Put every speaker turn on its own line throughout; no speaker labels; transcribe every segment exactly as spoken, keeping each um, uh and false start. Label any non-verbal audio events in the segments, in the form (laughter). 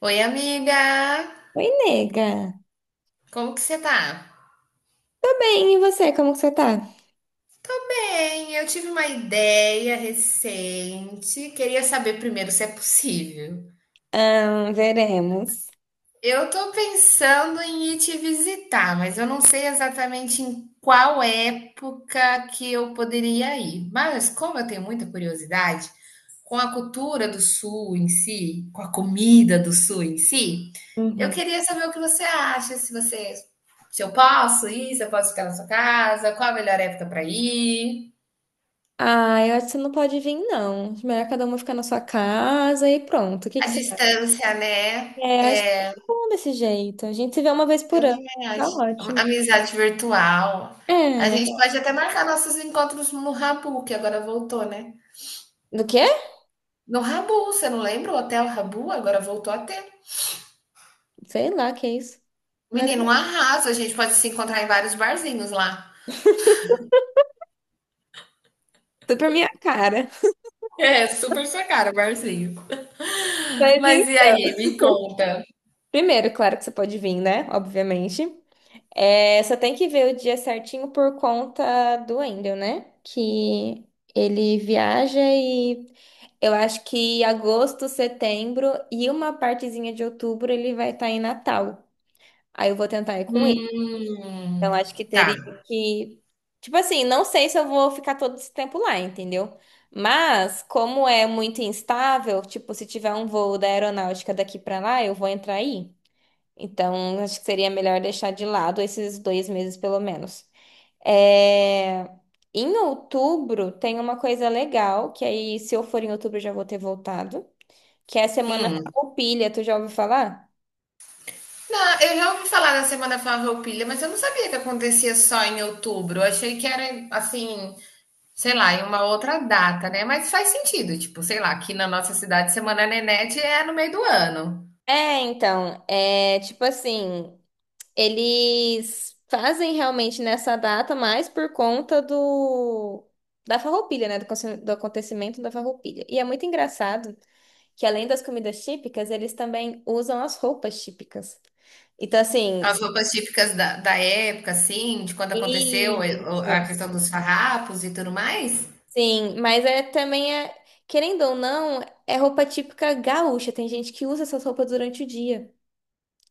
Oi, amiga!
Oi, nega.
Como que você tá?
Tô bem, e você? Como que você tá?
Bem, eu tive uma ideia recente. Queria saber primeiro se é possível.
Ah, veremos.
Eu tô pensando em ir te visitar, mas eu não sei exatamente em qual época que eu poderia ir. Mas como eu tenho muita curiosidade com a cultura do Sul em si, com a comida do Sul em si, eu
Uhum.
queria saber o que você acha, se você, se eu posso ir, se eu posso ficar na sua casa, qual a melhor época para ir,
Ah, eu acho que você não pode vir, não. Melhor cada uma ficar na sua casa e pronto. O que que
a
você acha?
distância, né?
É, acho que tá bom desse jeito. A gente se vê uma vez por
Eu
ano.
também
Tá
acho.
ótimo.
Amizade virtual. A
É.
gente pode até marcar nossos encontros no Rabu, que agora voltou, né?
Do quê?
No Rabu, você não lembra? O Hotel Rabu agora voltou a ter.
Sei lá, que é isso. Nada
Menino, um
mais.
arraso. A gente pode se encontrar em vários barzinhos lá.
Tudo pra minha cara.
É, super sua cara, barzinho.
Mas
Mas e
então.
aí, me conta.
Primeiro, claro que você pode vir, né? Obviamente. É, só tem que ver o dia certinho por conta do Wendel, né? Que ele viaja e eu acho que agosto, setembro e uma partezinha de outubro ele vai estar em Natal. Aí eu vou tentar ir com ele. Então
Hum,
acho que
tá.
teria que. Tipo assim, não sei se eu vou ficar todo esse tempo lá, entendeu? Mas, como é muito instável, tipo, se tiver um voo da aeronáutica daqui pra lá, eu vou entrar aí. Então, acho que seria melhor deixar de lado esses dois meses, pelo menos. É, em outubro tem uma coisa legal, que aí se eu for em outubro eu já vou ter voltado, que é a Semana
Hum.
Farroupilha, tu já ouviu falar?
Não, eu já ouvi falar da Semana Farroupilha, mas eu não sabia que acontecia só em outubro. Eu achei que era assim, sei lá, em uma outra data, né, mas faz sentido, tipo, sei lá, aqui na nossa cidade Semana Nenete é no meio do ano.
É, então, é tipo assim, eles fazem realmente nessa data mais por conta do da Farroupilha, né, do, aconte- do acontecimento da Farroupilha. E é muito engraçado que além das comidas típicas, eles também usam as roupas típicas. Então assim,
As roupas típicas da da época, assim, de quando aconteceu, eh, o
isso.
a questão dos farrapos e tudo mais.
Sim, mas é também é, querendo ou não, é roupa típica gaúcha. Tem gente que usa essas roupas durante o dia.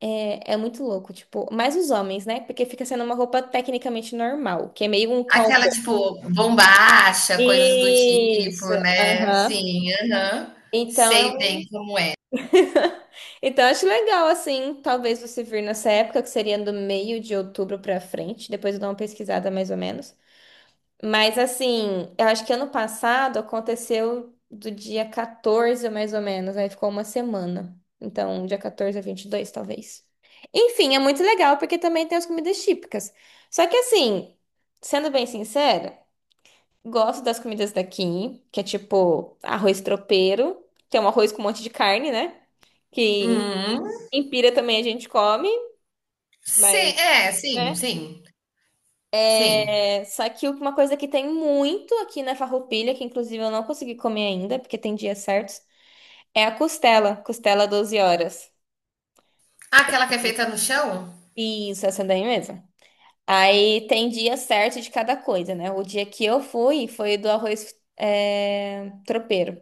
É, é muito louco, tipo, mais os homens, né? Porque fica sendo uma roupa tecnicamente normal, que é meio um
Aquela,
cowboy.
tipo, bombacha, coisas do
Isso,
tipo, né.
aham.
Sim, aham.
Então, é
Sei
um-
bem como é.
(laughs) então acho legal assim, talvez você vir nessa época que seria do meio de outubro pra frente, depois eu dou uma pesquisada mais ou menos. Mas assim, eu acho que ano passado aconteceu do dia quatorze, mais ou menos, aí ficou uma semana. Então, dia quatorze a vinte e dois talvez. Enfim, é muito legal porque também tem as comidas típicas. Só que assim, sendo bem sincera, gosto das comidas daqui, que é tipo arroz tropeiro, que é um arroz com um monte de carne, né? Que
Uhum.
em Pira também a gente come, mas,
Sim, é, sim,
né?
sim, sim.
É, só que uma coisa que tem muito aqui na Farroupilha, que inclusive eu não consegui comer ainda, porque tem dias certos, é a costela, costela doze horas.
Aquela que é feita no chão?
Isso, essa daí mesmo. Aí tem dia certo de cada coisa, né? O dia que eu fui foi do arroz é, tropeiro.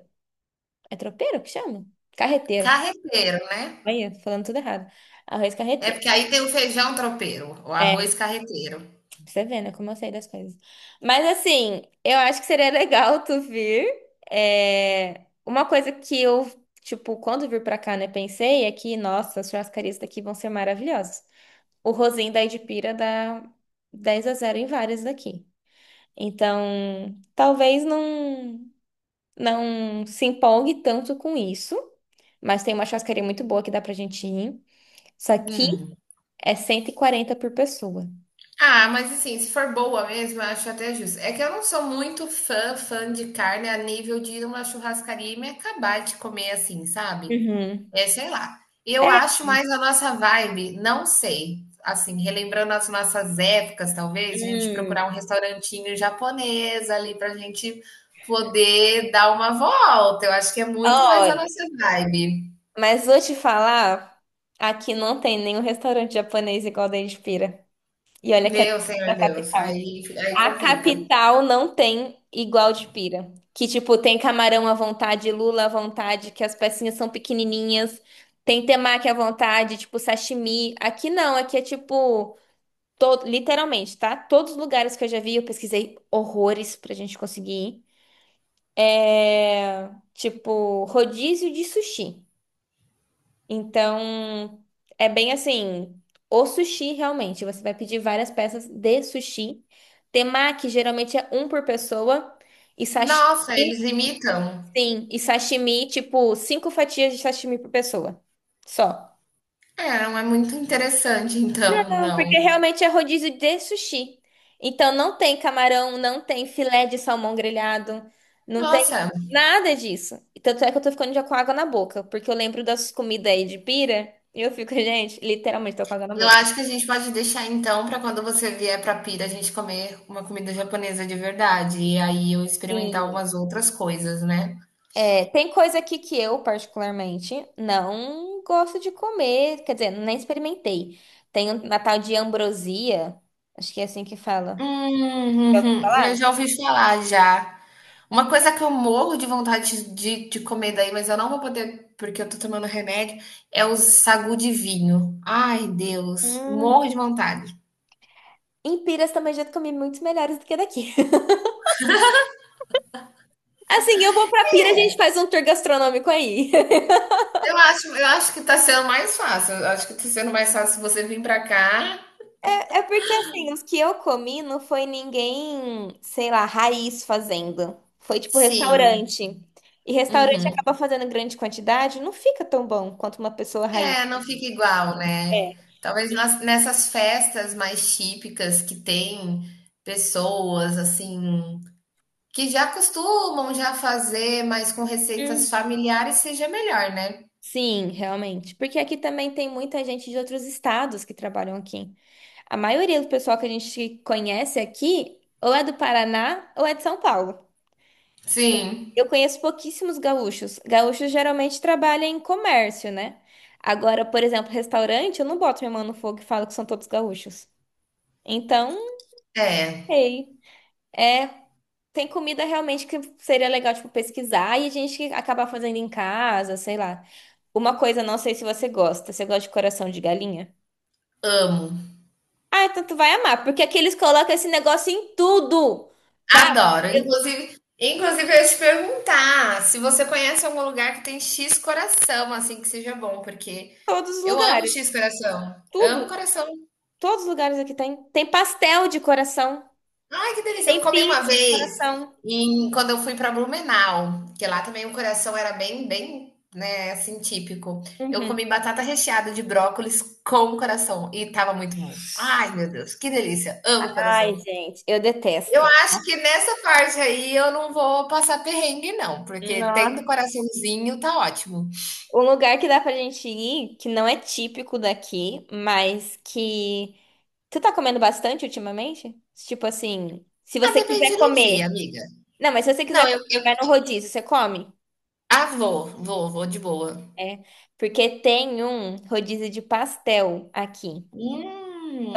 É tropeiro que chama? Carreteiro.
Carreteiro, né.
Olha, falando tudo errado. Arroz
É
carreteiro.
porque aí tem o feijão tropeiro, o arroz
É,
carreteiro.
você vê, né? Como eu sei das coisas. Mas assim, eu acho que seria legal tu vir. É... Uma coisa que eu, tipo, quando vir pra cá, né, pensei é que, nossa, as churrascarias daqui vão ser maravilhosas. O Rosinho da Edipira dá dez a zero em várias daqui. Então, talvez não, não se empolgue tanto com isso. Mas tem uma churrascaria muito boa que dá pra gente ir. Isso aqui
Hum.
é cento e quarenta por pessoa.
Ah, mas assim, se for boa mesmo, eu acho até justo. É que eu não sou muito fã, fã de carne a nível de ir numa churrascaria e me acabar de comer assim, sabe?
Uhum.
É, sei lá. Eu
É.
acho mais a nossa vibe, não sei. Assim, relembrando as nossas épocas, talvez, a gente
Hum.
procurar um restaurantinho japonês ali pra gente poder dar uma volta. Eu acho que é muito mais a nossa vibe.
Mas vou te falar, aqui não tem nenhum restaurante japonês igual da Pira. E olha que é
Meu
da
Senhor Deus,
capital.
aí, aí
A
complica.
capital não tem igual de pira. Que, tipo, tem camarão à vontade, lula à vontade, que as pecinhas são pequenininhas. Tem temaki à vontade, tipo, sashimi. Aqui não, aqui é tipo, to- literalmente, tá? Todos os lugares que eu já vi, eu pesquisei horrores pra gente conseguir ir. É... Tipo, rodízio de sushi. Então, é bem assim, o sushi realmente, você vai pedir várias peças de sushi. Temaki geralmente é um por pessoa e sashimi,
Nossa, eles imitam.
sim, e sashimi, tipo, cinco fatias de sashimi por pessoa. Só.
É, não é muito interessante, então,
Não,
não.
porque realmente é rodízio de sushi. Então não tem camarão, não tem filé de salmão grelhado, não tem
Nossa,
nada disso. E tanto é que eu tô ficando já com água na boca, porque eu lembro das comidas aí de pira e eu fico, (laughs) gente, literalmente tô com água na
eu
boca.
acho que a gente pode deixar então para quando você vier para Pira a gente comer uma comida japonesa de verdade e aí eu experimentar
Sim.
algumas outras coisas, né?
É, tem coisa aqui que eu, particularmente, não gosto de comer, quer dizer, nem experimentei. Tem uma tal de ambrosia, acho que é assim que fala.
Hum, (laughs) uhum, eu
Falar?
já ouvi falar já. Uma coisa que eu morro de vontade de, de comer daí, mas eu não vou poder porque eu tô tomando remédio, é o sagu de vinho. Ai, Deus,
Hum,
morro de vontade.
em Piras também já comi muitos melhores do que daqui. (laughs) Assim, eu vou pra Pira, a gente faz um tour gastronômico aí. (laughs)
Eu acho, eu acho que tá sendo mais fácil. Eu acho que tá sendo mais fácil você vir pra cá.
É, é porque, assim, os que eu comi não foi ninguém, sei lá, raiz fazendo. Foi tipo
Sim.
restaurante. E restaurante
Uhum.
acaba fazendo grande quantidade, não fica tão bom quanto uma pessoa raiz.
É, não fica igual, né. Talvez nas nessas festas mais típicas que tem pessoas, assim, que já costumam já fazer, mas com receitas
É.
familiares seja melhor, né.
Sim, realmente. Porque aqui também tem muita gente de outros estados que trabalham aqui. A maioria do pessoal que a gente conhece aqui ou é do Paraná ou é de São Paulo.
Sim.
Eu conheço pouquíssimos gaúchos. Gaúchos geralmente trabalham em comércio, né? Agora, por exemplo, restaurante, eu não boto minha mão no fogo e falo que são todos gaúchos. Então, não
É,
sei. É, tem comida realmente que seria legal, tipo, pesquisar e a gente acabar fazendo em casa, sei lá. Uma coisa, não sei se você gosta. Você gosta de coração de galinha?
amo,
Ah, então tu vai amar, porque aqui eles colocam esse negócio em tudo. Cara,
adoro.
em
Inclusive inclusive eu ia te perguntar se você conhece algum lugar que tem x coração, assim, que seja bom, porque
todos os
eu amo
lugares.
x coração. Amo
Tudo.
coração.
Todos os lugares aqui tem. Tem pastel de coração.
Ai, que delícia! Eu
Tem
comi uma
pizza de
vez
coração.
em, quando eu fui para Blumenau, que lá também o coração era bem, bem, né, assim, típico. Eu
Uhum.
comi batata recheada de brócolis com coração e tava muito bom. Ai, meu Deus, que delícia! Amo
Ai,
coração.
gente, eu
Eu
detesto.
acho que nessa parte aí eu não vou passar perrengue, não, porque
Nossa.
tendo coraçãozinho tá ótimo.
Um lugar que dá pra gente ir, que não é típico daqui, mas que. Tu tá comendo bastante ultimamente? Tipo assim, se
Ah,
você quiser
depende do dia,
comer.
amiga.
Não, mas se você
Não,
quiser
eu,
comer, você
eu...
vai no rodízio, você come?
Ah, vou, vou, vou de boa.
É, porque tem um rodízio de pastel aqui.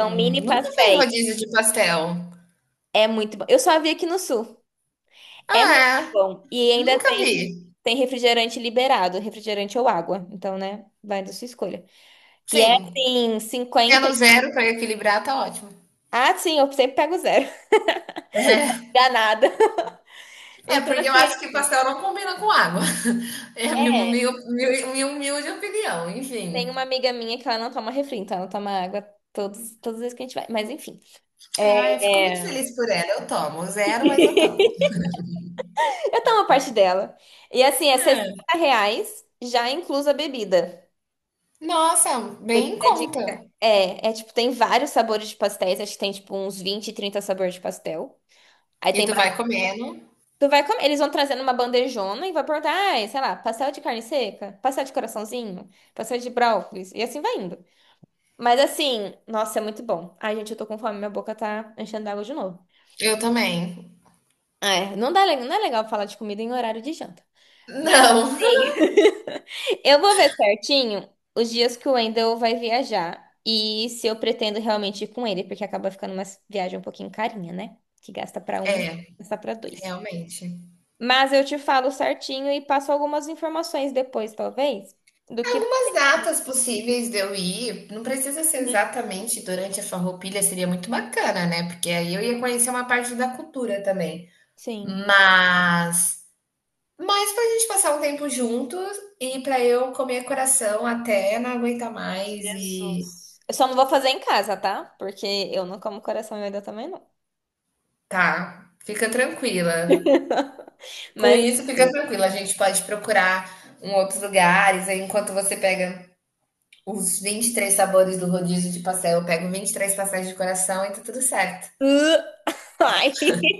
São mini
nunca fez
pastéis.
rodízio de pastel.
É muito bom. Eu só vi aqui no sul. É muito
Ah, é.
bom. E ainda
Nunca
tem,
vi.
tem refrigerante liberado, refrigerante ou água. Então, né, vai da sua escolha. E é
Sim.
assim, cinquenta.
Tendo
e-
zero para equilibrar, tá ótimo.
Ah, sim, eu sempre pego zero. (laughs)
(laughs)
Dá.
É,
Então,
porque eu
assim,
acho que pastel não combina com água. (laughs) É a minha,
é,
humil- humil- minha humilde opinião,
tem
enfim.
uma amiga minha que ela não toma refri, então ela toma água todos, todas as vezes que a gente vai. Mas enfim.
Ah, eu fico muito
É. é,
feliz por ela. Eu tomo zero, mas eu tomo.
Eu tomo a parte dela. E assim, é 60
É.
reais, já inclusa a bebida.
Nossa,
A
bem
bebida
em
é de.
conta.
É, é tipo, tem vários sabores de pastéis. Acho que tem tipo uns vinte, trinta sabores de pastel. Aí
E
tem.
tu
ba-
vai comendo?
Tu vai comer. Eles vão trazendo uma bandejona e vai perguntar, ai, sei lá, pastel de carne seca, pastel de coraçãozinho, pastel de brócolis. E assim vai indo. Mas assim, nossa, é muito bom. Ai, gente, eu tô com fome, minha boca tá enchendo d'água de novo.
Eu também.
É, não dá, le- não é legal falar de comida em horário de janta. Mas
Não,
assim. (laughs) Eu vou ver certinho os dias que o Wendel vai viajar e se eu pretendo realmente ir com ele, porque acaba ficando uma viagem um pouquinho carinha, né? Que gasta pra um, gasta pra
(laughs)
dois.
realmente.
Mas eu te falo certinho e passo algumas informações depois, talvez, do que.
Algumas datas possíveis de eu ir, não precisa ser
Uhum.
exatamente durante a Farroupilha, seria muito bacana, né? Porque aí eu ia conhecer uma parte da cultura também.
Sim.
Mas, mas pra gente passar um tempo juntos e pra eu comer coração até não aguentar mais e
Jesus. Eu só não vou fazer em casa, tá? Porque eu não como coração e Wendel também não.
tá, fica tranquila.
(laughs)
Com
Mas.
isso, fica tranquila. A gente pode procurar em outros lugares. Aí, enquanto você pega os vinte e três sabores do rodízio de pastel, eu pego vinte e três pastéis de coração e tá tudo certo.
Uh, Ai. (laughs)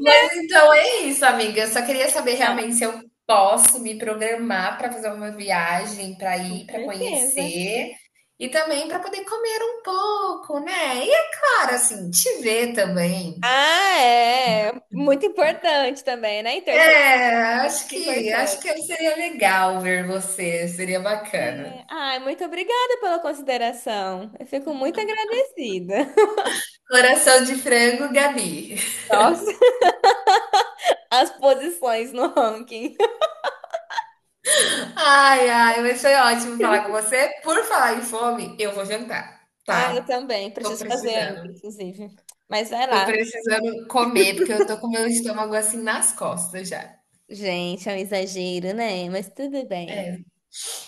Mas então é isso, amiga. Eu só queria saber
Tá.
realmente se eu posso me programar para fazer uma viagem, para
Com
ir, para
certeza.
conhecer e também para poder comer um pouco, né? E é claro, assim, te ver também.
Ah, é. Muito importante também, né? Em terceiro
É,
lugar, é
acho
muito
que acho que
importante.
seria legal ver você, seria bacana.
É. Ai, muito obrigada pela consideração. Eu fico muito agradecida.
Coração de frango, Gabi.
(laughs) Nossa, as posições no ranking. (laughs)
Ai, ai, mas foi ótimo falar com você. Por falar em fome, eu vou jantar,
Ah, eu
tá?
também.
Tô
Preciso fazer ainda,
precisando.
inclusive. Mas vai
Tô
lá.
precisando comer, porque eu tô com meu estômago assim nas costas já.
Gente, é um exagero, né? Mas tudo bem.
É.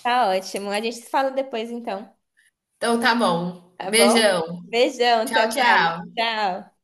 Tá ótimo. A gente se fala depois, então.
Então tá bom.
Tá bom?
Beijão.
Beijão, até
Tchau,
mais.
tchau.
Tchau.